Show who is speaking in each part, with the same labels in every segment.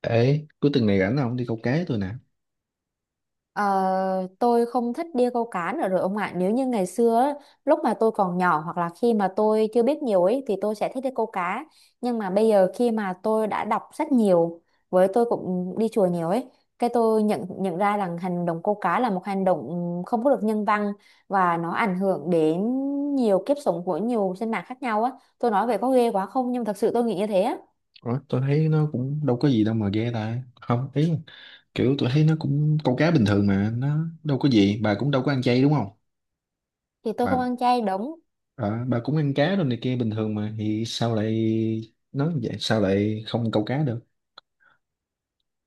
Speaker 1: Ê, cuối tuần này rảnh không, đi câu cá tôi nè.
Speaker 2: Ờ, tôi không thích đi câu cá nữa rồi ông ạ. Nếu như ngày xưa á, lúc mà tôi còn nhỏ hoặc là khi mà tôi chưa biết nhiều ấy thì tôi sẽ thích đi câu cá. Nhưng mà bây giờ khi mà tôi đã đọc sách nhiều với tôi cũng đi chùa nhiều ấy, cái tôi nhận nhận ra rằng hành động câu cá là một hành động không có được nhân văn và nó ảnh hưởng đến nhiều kiếp sống của nhiều sinh mạng khác nhau á. Tôi nói về có ghê quá không nhưng thật sự tôi nghĩ như thế á.
Speaker 1: Ủa, tôi thấy nó cũng đâu có gì đâu mà ghê ta. Không, ý là kiểu tôi thấy nó cũng câu cá bình thường mà, nó đâu có gì. Bà cũng đâu có ăn chay đúng không?
Speaker 2: Thì tôi không
Speaker 1: Bà
Speaker 2: ăn chay đúng.
Speaker 1: ờ, bà cũng ăn cá rồi này kia bình thường mà, thì sao lại nói vậy, sao lại không câu cá được?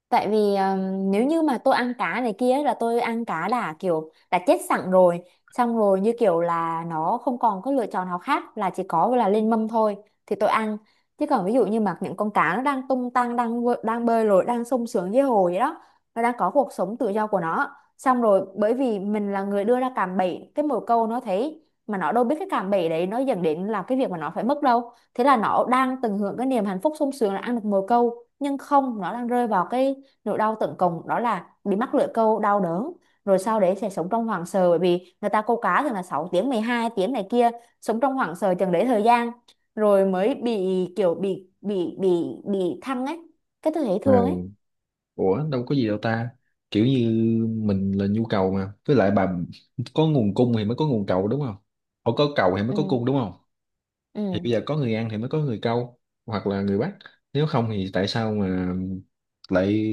Speaker 2: Tại vì nếu như mà tôi ăn cá này kia ấy, là tôi ăn cá đã kiểu đã chết sẵn rồi, xong rồi như kiểu là nó không còn có lựa chọn nào khác là chỉ có là lên mâm thôi thì tôi ăn. Chứ còn ví dụ như mà những con cá nó đang tung tăng đang bơi lội đang sung sướng dưới hồ vậy đó, nó đang có cuộc sống tự do của nó, xong rồi bởi vì mình là người đưa ra cạm bẫy cái mồi câu nó thấy mà nó đâu biết cái cạm bẫy đấy nó dẫn đến là cái việc mà nó phải mất đâu, thế là nó đang tận hưởng cái niềm hạnh phúc sung sướng là ăn được mồi câu nhưng không, nó đang rơi vào cái nỗi đau tận cùng đó là bị mắc lưỡi câu đau đớn, rồi sau đấy sẽ sống trong hoảng sợ bởi vì người ta câu cá thường là 6 tiếng 12 tiếng này kia, sống trong hoảng sợ chừng đấy thời gian rồi mới bị, kiểu bị thăng ấy, cái tôi thấy thương ấy.
Speaker 1: Ừ. Ủa, đâu có gì đâu ta. Kiểu như mình là nhu cầu mà. Với lại bà có nguồn cung thì mới có nguồn cầu đúng không? Ủa, có cầu thì mới
Speaker 2: Ừ.
Speaker 1: có cung đúng không? Thì
Speaker 2: Ừ.
Speaker 1: bây giờ có người An thì mới có người câu, hoặc là người bắt. Nếu không thì tại sao mà lại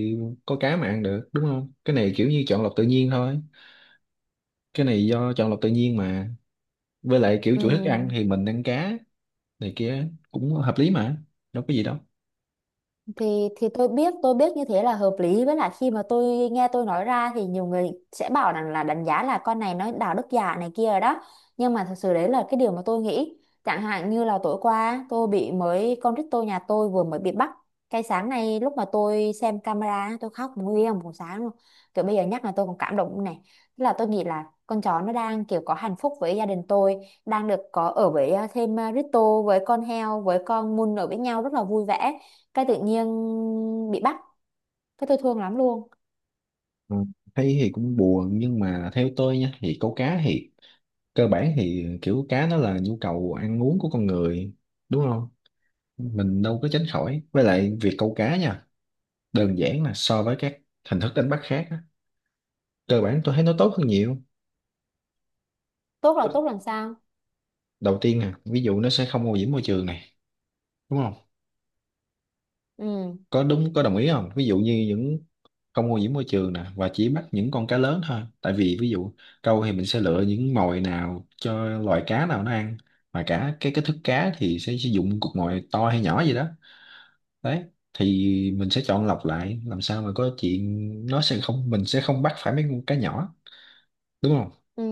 Speaker 1: có cá mà ăn được, đúng không? Cái này kiểu như chọn lọc tự nhiên thôi, cái này do chọn lọc tự nhiên mà. Với lại kiểu chủ thức ăn
Speaker 2: Ừ.
Speaker 1: thì mình ăn cá này kia cũng hợp lý mà, đâu có gì đâu.
Speaker 2: Thì tôi biết như thế là hợp lý, với lại khi mà tôi nghe tôi nói ra thì nhiều người sẽ bảo rằng là đánh giá là con này nó đạo đức giả này kia rồi đó, nhưng mà thật sự đấy là cái điều mà tôi nghĩ. Chẳng hạn như là tối qua tôi bị mới con rít tôi nhà tôi vừa mới bị bắt, cái sáng nay lúc mà tôi xem camera tôi khóc nguyên một sáng luôn, kiểu bây giờ nhắc là tôi còn cảm động này. Tức là tôi nghĩ là con chó nó đang kiểu có hạnh phúc với gia đình tôi, đang được có ở với thêm Rito với con heo với con Mun ở với nhau rất là vui vẻ, cái tự nhiên bị bắt, cái tôi thương lắm luôn.
Speaker 1: Ừ. Thấy thì cũng buồn, nhưng mà theo tôi nha, thì câu cá thì cơ bản thì kiểu cá nó là nhu cầu ăn uống của con người, đúng không? Mình đâu có tránh khỏi. Với lại việc câu cá nha, đơn giản là so với các hình thức đánh bắt khác á, cơ bản tôi thấy nó tốt hơn nhiều.
Speaker 2: Tốt là tốt làm sao?
Speaker 1: Đầu tiên nè, ví dụ nó sẽ không ô nhiễm môi trường này, đúng không?
Speaker 2: Ừ.
Speaker 1: Có đúng, có đồng ý không? Ví dụ như những, không ô nhiễm môi trường nè, và chỉ bắt những con cá lớn thôi. Tại vì ví dụ câu thì mình sẽ lựa những mồi nào cho loài cá nào nó ăn, mà cả cái thức cá thì sẽ sử dụng cục mồi to hay nhỏ gì đó. Đấy, thì mình sẽ chọn lọc lại làm sao mà có chuyện nó sẽ không, mình sẽ không bắt phải mấy con cá nhỏ, đúng không?
Speaker 2: Ừ.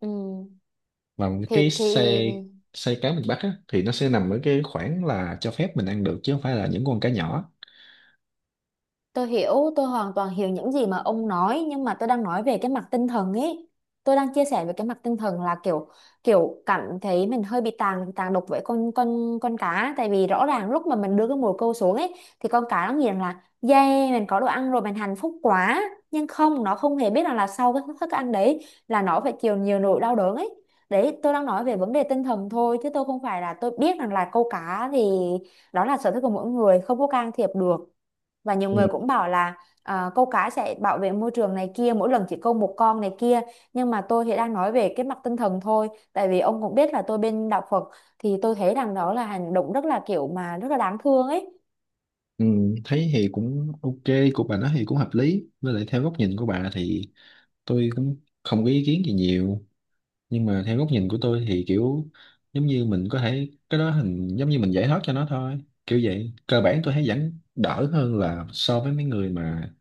Speaker 2: Ừ.
Speaker 1: Mà cái
Speaker 2: Thì
Speaker 1: xe, xe cá miền Bắc á, thì nó sẽ nằm ở cái khoảng là cho phép mình ăn được, chứ không phải là những con cá nhỏ.
Speaker 2: Tôi hiểu, tôi hoàn toàn hiểu những gì mà ông nói nhưng mà tôi đang nói về cái mặt tinh thần ấy. Tôi đang chia sẻ về cái mặt tinh thần là kiểu kiểu cảm thấy mình hơi bị tàn tàn độc với con cá, tại vì rõ ràng lúc mà mình đưa cái mồi câu xuống ấy thì con cá nó nghiền là yeah mình có đồ ăn rồi mình hạnh phúc quá, nhưng không, nó không hề biết rằng là sau cái thức ăn đấy là nó phải chịu nhiều nỗi đau đớn ấy. Đấy, tôi đang nói về vấn đề tinh thần thôi chứ tôi không phải là tôi biết rằng là câu cá thì đó là sở thích của mỗi người không có can thiệp được, và nhiều
Speaker 1: Ừ.
Speaker 2: người cũng bảo là câu cá sẽ bảo vệ môi trường này kia mỗi lần chỉ câu một con này kia, nhưng mà tôi thì đang nói về cái mặt tinh thần thôi tại vì ông cũng biết là tôi bên đạo Phật, thì tôi thấy rằng đó là hành động rất là kiểu mà rất là đáng thương ấy.
Speaker 1: Ừ, thấy thì cũng ok. Của bà nói thì cũng hợp lý, với lại theo góc nhìn của bà thì tôi cũng không có ý kiến gì nhiều. Nhưng mà theo góc nhìn của tôi thì kiểu giống như mình có thể cái đó hình, giống như mình giải thoát cho nó thôi, kiểu vậy. Cơ bản tôi thấy vẫn đỡ hơn là so với mấy người mà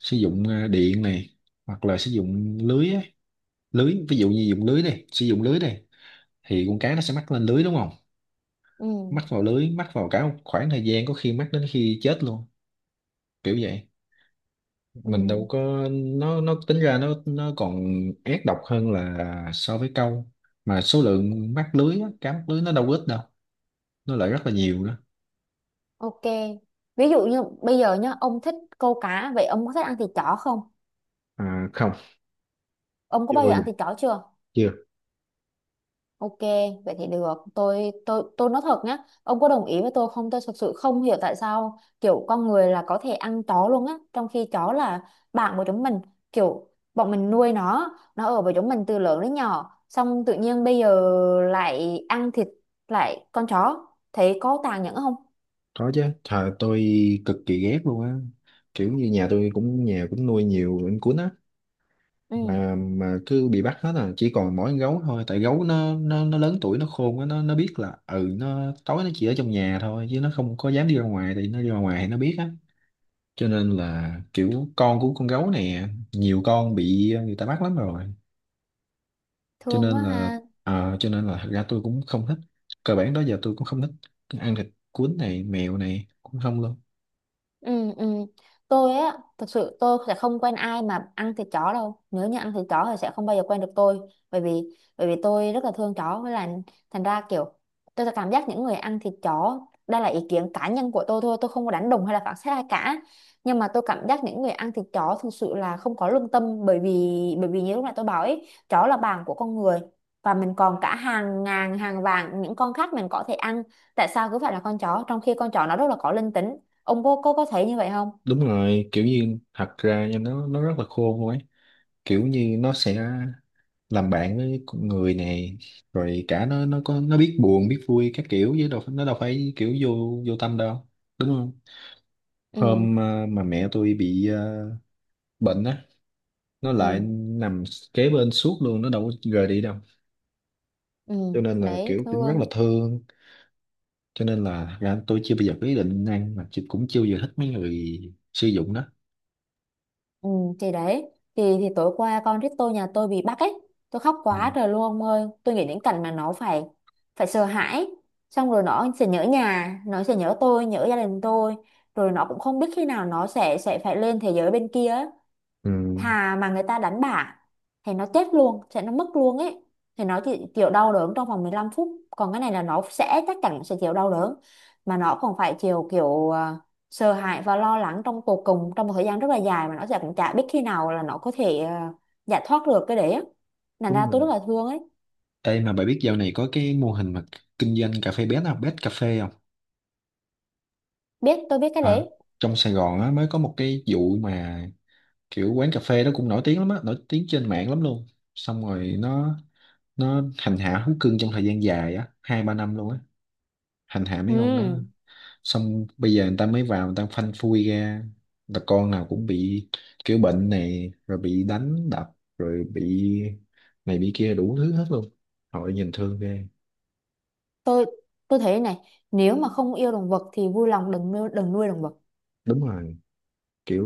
Speaker 1: sử dụng điện này, hoặc là sử dụng lưới á. Lưới, ví dụ như dùng lưới đi, sử dụng lưới đi, thì con cá nó sẽ mắc lên lưới đúng không? Mắc
Speaker 2: Ừ.
Speaker 1: vào lưới, mắc vào cả một khoảng thời gian, có khi mắc đến khi chết luôn, kiểu vậy.
Speaker 2: Ừ.
Speaker 1: Mình đâu có, nó tính ra nó còn ác độc hơn là so với câu. Mà số lượng mắc lưới á, cá mắc lưới nó đâu có ít đâu, nó lại rất là nhiều nữa.
Speaker 2: Ok, ví dụ như bây giờ nhá ông thích câu cá, vậy ông có thích ăn thịt chó không?
Speaker 1: À không.
Speaker 2: Ông có
Speaker 1: Chưa
Speaker 2: bao
Speaker 1: bao
Speaker 2: giờ
Speaker 1: giờ.
Speaker 2: ăn thịt chó chưa?
Speaker 1: Chưa.
Speaker 2: Ok, vậy thì được. Tôi nói thật nhá, ông có đồng ý với tôi không? Tôi thực sự không hiểu tại sao kiểu con người là có thể ăn chó luôn á, trong khi chó là bạn của chúng mình, kiểu bọn mình nuôi nó ở với chúng mình từ lớn đến nhỏ, xong tự nhiên bây giờ lại ăn thịt, lại con chó, thấy có tàn nhẫn không?
Speaker 1: Có chứ trời, tôi cực kỳ ghét luôn á. Kiểu như nhà tôi cũng, nhà cũng nuôi nhiều anh cuốn á,
Speaker 2: Ừ,
Speaker 1: mà cứ bị bắt hết à, chỉ còn mỗi con gấu thôi. Tại gấu nó lớn tuổi, nó khôn quá, nó biết là ừ, nó tối nó chỉ ở trong nhà thôi chứ nó không có dám đi ra ngoài, thì nó đi ra ngoài thì nó biết á. Cho nên là kiểu con của con gấu này, nhiều con bị người ta bắt lắm rồi. Cho
Speaker 2: thương quá
Speaker 1: nên là
Speaker 2: ha.
Speaker 1: cho nên là thật ra tôi cũng không thích, cơ bản đó giờ tôi cũng không thích ăn thịt cuốn này, mèo này cũng không luôn.
Speaker 2: Ừ, ừ. Tôi á, thật sự tôi sẽ không quen ai mà ăn thịt chó đâu. Nếu như ăn thịt chó thì sẽ không bao giờ quen được tôi. Bởi vì bởi vì tôi rất là thương chó, với là thành ra kiểu tôi sẽ cảm giác những người ăn thịt chó, đây là ý kiến cá nhân của tôi thôi, tôi không có đánh đồng hay là phán xét ai cả. Nhưng mà tôi cảm giác những người ăn thịt chó thực sự là không có lương tâm, bởi vì như lúc nãy tôi bảo ấy, chó là bạn của con người và mình còn cả hàng ngàn hàng vạn những con khác mình có thể ăn, tại sao cứ phải là con chó trong khi con chó nó rất là có linh tính? Ông có thấy như vậy không?
Speaker 1: Đúng rồi, kiểu như thật ra nha, nó rất là khôn luôn ấy. Kiểu như nó sẽ làm bạn với con người này, rồi cả nó biết buồn biết vui các kiểu, chứ đâu nó đâu phải kiểu vô vô tâm đâu, đúng không?
Speaker 2: Ừ.
Speaker 1: Hôm mà mẹ tôi bị bệnh á, nó lại
Speaker 2: Ừ.
Speaker 1: nằm kế bên suốt luôn, nó đâu có rời đi đâu.
Speaker 2: Ừ.
Speaker 1: Cho nên là
Speaker 2: Đấy,
Speaker 1: kiểu cũng rất
Speaker 2: thương.
Speaker 1: là thương. Cho nên là thật ra tôi chưa bao giờ có ý định ăn, mà chị cũng chưa bao giờ thích mấy người sử dụng đó.
Speaker 2: Ừ. Thì đấy, thì tối qua con rít tôi nhà tôi bị bắt ấy, tôi khóc
Speaker 1: Ừ.
Speaker 2: quá trời luôn ông ơi, tôi nghĩ đến cảnh mà nó phải phải sợ hãi, xong rồi nó sẽ nhớ nhà, nó sẽ nhớ tôi, nhớ gia đình tôi, rồi nó cũng không biết khi nào nó sẽ phải lên thế giới bên kia.
Speaker 1: Ừ.
Speaker 2: Thà mà người ta đánh bả thì nó chết luôn, sẽ nó mất luôn ấy, thì nó chỉ chịu đau đớn trong vòng 15 phút, còn cái này là nó sẽ chắc chắn sẽ chịu đau đớn, mà nó còn phải chịu kiểu sợ hãi và lo lắng trong tột cùng trong một thời gian rất là dài mà nó sẽ cũng chả biết khi nào là nó có thể giải thoát được cái đấy á, thành
Speaker 1: Đúng
Speaker 2: ra tôi rất
Speaker 1: rồi.
Speaker 2: là thương ấy.
Speaker 1: Ê mà bà biết dạo này có cái mô hình mà kinh doanh cà phê bé nào, bét cà phê không?
Speaker 2: Biết, tôi biết cái
Speaker 1: À,
Speaker 2: đấy.
Speaker 1: trong Sài Gòn á, mới có một cái vụ mà kiểu quán cà phê đó cũng nổi tiếng lắm á, nổi tiếng trên mạng lắm luôn. Xong rồi nó hành hạ thú cưng trong thời gian dài á, hai ba năm luôn á, hành hạ mấy con đó.
Speaker 2: Ừ.
Speaker 1: Xong bây giờ người ta mới vào, người ta phanh phui ra là con nào cũng bị kiểu bệnh này, rồi bị đánh đập, rồi bị này bị kia đủ thứ hết luôn. Họ nhìn thương ghê.
Speaker 2: tôi tôi thấy này, nếu mà không yêu động vật thì vui lòng đừng nuôi, đừng nuôi động vật.
Speaker 1: Đúng rồi, kiểu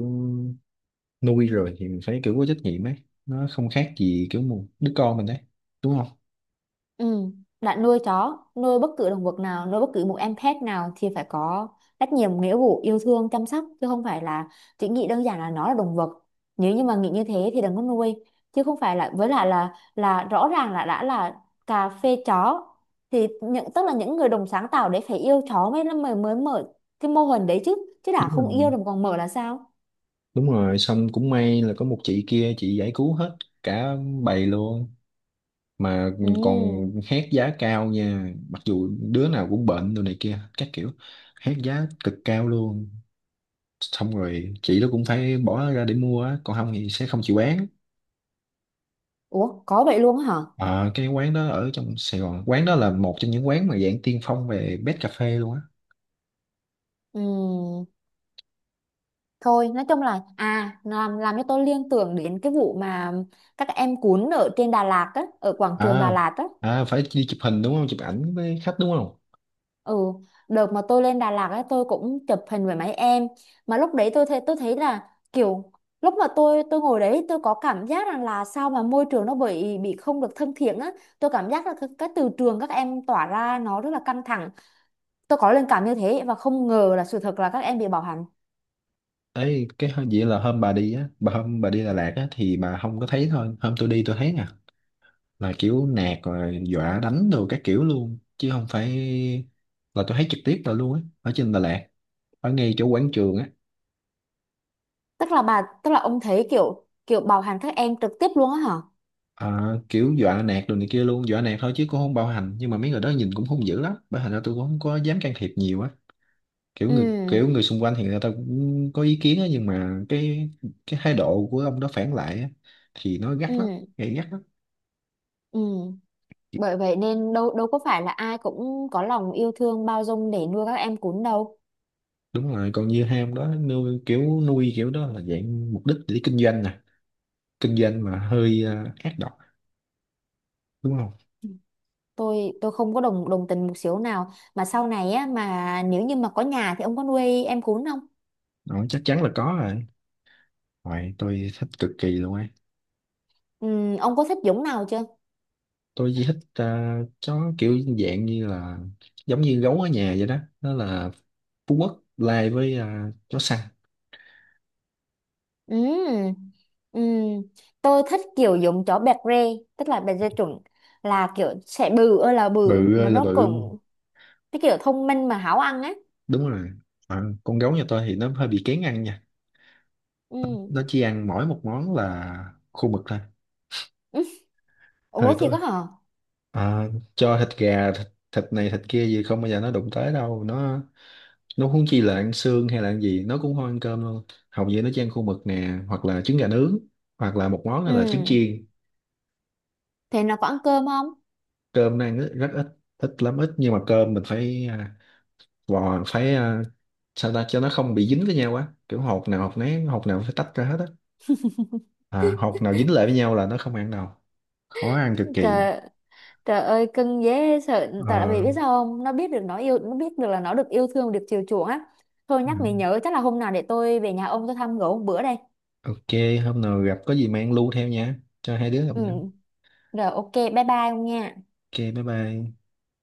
Speaker 1: nuôi rồi thì mình phải kiểu có trách nhiệm ấy, nó không khác gì kiểu một đứa con mình đấy, đúng không?
Speaker 2: Ừ. Bạn nuôi chó, nuôi bất cứ động vật nào, nuôi bất cứ một em pet nào thì phải có trách nhiệm, nghĩa vụ, yêu thương, chăm sóc chứ không phải là chỉ nghĩ đơn giản là nó là động vật. Nếu như mà nghĩ như thế thì đừng có nuôi, chứ không phải là, với lại là rõ ràng là đã là cà phê chó thì những tức là những người đồng sáng tạo đấy phải yêu chó mới mới mới mở cái mô hình đấy chứ, chứ đã
Speaker 1: Đúng
Speaker 2: không
Speaker 1: rồi.
Speaker 2: yêu đồng còn mở là sao?
Speaker 1: Đúng rồi, xong cũng may là có một chị kia, chị giải cứu hết cả bầy luôn. Mà còn
Speaker 2: Ừ.
Speaker 1: hét giá cao nha, mặc dù đứa nào cũng bệnh đồ này kia các kiểu, hét giá cực cao luôn. Xong rồi chị đó cũng phải bỏ ra để mua á, còn không thì sẽ không chịu bán.
Speaker 2: Ủa có vậy luôn á hả?
Speaker 1: Ờ, cái quán đó ở trong Sài Gòn, quán đó là một trong những quán mà dạng tiên phong về bed cà phê luôn á.
Speaker 2: Ừ. Thôi nói chung là à, làm cho tôi liên tưởng đến cái vụ mà các em cuốn ở trên Đà Lạt á ở quảng trường Đà
Speaker 1: À.
Speaker 2: Lạt á.
Speaker 1: À, phải đi chụp hình đúng không, chụp ảnh với khách đúng không?
Speaker 2: Ừ. Đợt mà tôi lên Đà Lạt á tôi cũng chụp hình với mấy em, mà lúc đấy tôi thấy là kiểu lúc mà tôi ngồi đấy tôi có cảm giác rằng là sao mà môi trường nó bị không được thân thiện á. Tôi cảm giác là cái từ trường các em tỏa ra nó rất là căng thẳng, tôi có linh cảm như thế và không ngờ là sự thật là các em bị bạo hành.
Speaker 1: Ấy cái hôm- vậy là hôm bà đi á, bà hôm bà đi Đà Lạt á thì bà không có thấy. Thôi hôm tôi đi tôi thấy nè, là kiểu nạt rồi dọa đánh đồ các kiểu luôn, chứ không phải, là tôi thấy trực tiếp là luôn á, ở trên Đà Lạt, ở ngay chỗ quảng trường á.
Speaker 2: Tức là ông thấy kiểu kiểu bạo hành các em trực tiếp luôn á hả?
Speaker 1: À, kiểu dọa nạt đồ này kia luôn, dọa nạt thôi chứ cũng không bạo hành, nhưng mà mấy người đó nhìn cũng hung dữ lắm, bởi thành ra tôi cũng không có dám can thiệp nhiều á. kiểu người
Speaker 2: Ừ.
Speaker 1: kiểu người xung quanh thì người ta cũng có ý kiến á, nhưng mà cái thái độ của ông đó phản lại á, thì nó gắt lắm,
Speaker 2: Ừ.
Speaker 1: gay gắt lắm.
Speaker 2: Ừ. Bởi vậy nên đâu đâu có phải là ai cũng có lòng yêu thương bao dung để nuôi các em cún đâu.
Speaker 1: Đúng rồi, còn như hai ông đó nuôi, kiểu nuôi kiểu đó là dạng mục đích để kinh doanh nè, kinh doanh mà hơi ác độc, đúng không?
Speaker 2: Tôi không có đồng đồng tình một xíu nào, mà sau này á mà nếu như mà có nhà thì ông có nuôi em cún không?
Speaker 1: Đó, chắc chắn là có rồi. Rồi, tôi thích cực kỳ luôn ấy.
Speaker 2: Ừ, ông có thích giống nào chưa?
Speaker 1: Tôi chỉ thích chó kiểu dạng như là giống như gấu ở nhà vậy đó, nó là Phú Quốc lai với chó săn.
Speaker 2: Ừ. Ừ. Tôi thích kiểu giống chó bẹt rê tức là bẹt rê chuẩn, là kiểu sẽ bự ơi là bự
Speaker 1: Bự
Speaker 2: mà
Speaker 1: ơi là
Speaker 2: nó
Speaker 1: bự.
Speaker 2: cũng cái kiểu thông minh mà háo ăn á.
Speaker 1: Đúng rồi. À, con gấu nhà tôi thì nó hơi bị kén ăn nha.
Speaker 2: Ừ.
Speaker 1: Nó chỉ ăn mỗi một món là khô mực thôi. Hơi
Speaker 2: Ủa thì
Speaker 1: tôi,
Speaker 2: có hả?
Speaker 1: à, cho thịt gà thịt, thịt này thịt kia gì không bao giờ nó đụng tới đâu. Nó, huống chi là ăn xương hay là ăn gì, nó cũng không ăn cơm luôn. Hầu như nó chỉ ăn khô mực nè, hoặc là trứng gà nướng, hoặc là một món là trứng
Speaker 2: Ừ.
Speaker 1: chiên.
Speaker 2: Thế nó có ăn cơm không?
Speaker 1: Cơm nó ăn rất, rất ít, ít lắm, ít. Nhưng mà cơm mình phải vò, phải sao ta, cho nó không bị dính với nhau quá, kiểu hột nào hột nấy, hột nào phải tách ra hết á. À, học nào dính lại với nhau là nó không ăn đâu, khó ăn cực kỳ.
Speaker 2: Trời, trời ơi cưng dễ sợ, tại vì
Speaker 1: Ờ,
Speaker 2: biết sao không, nó biết được nó yêu, nó biết được là nó được yêu thương được chiều chuộng á. Thôi
Speaker 1: ừ.
Speaker 2: nhắc mày nhớ chắc là hôm nào để tôi về nhà ông tôi thăm gỡ một bữa đây.
Speaker 1: Ok, hôm nào gặp có gì mang lu theo nha, cho hai đứa gặp
Speaker 2: Ừ.
Speaker 1: nhau.
Speaker 2: Rồi, ok, bye bye ông nha.
Speaker 1: Ok, bye bye.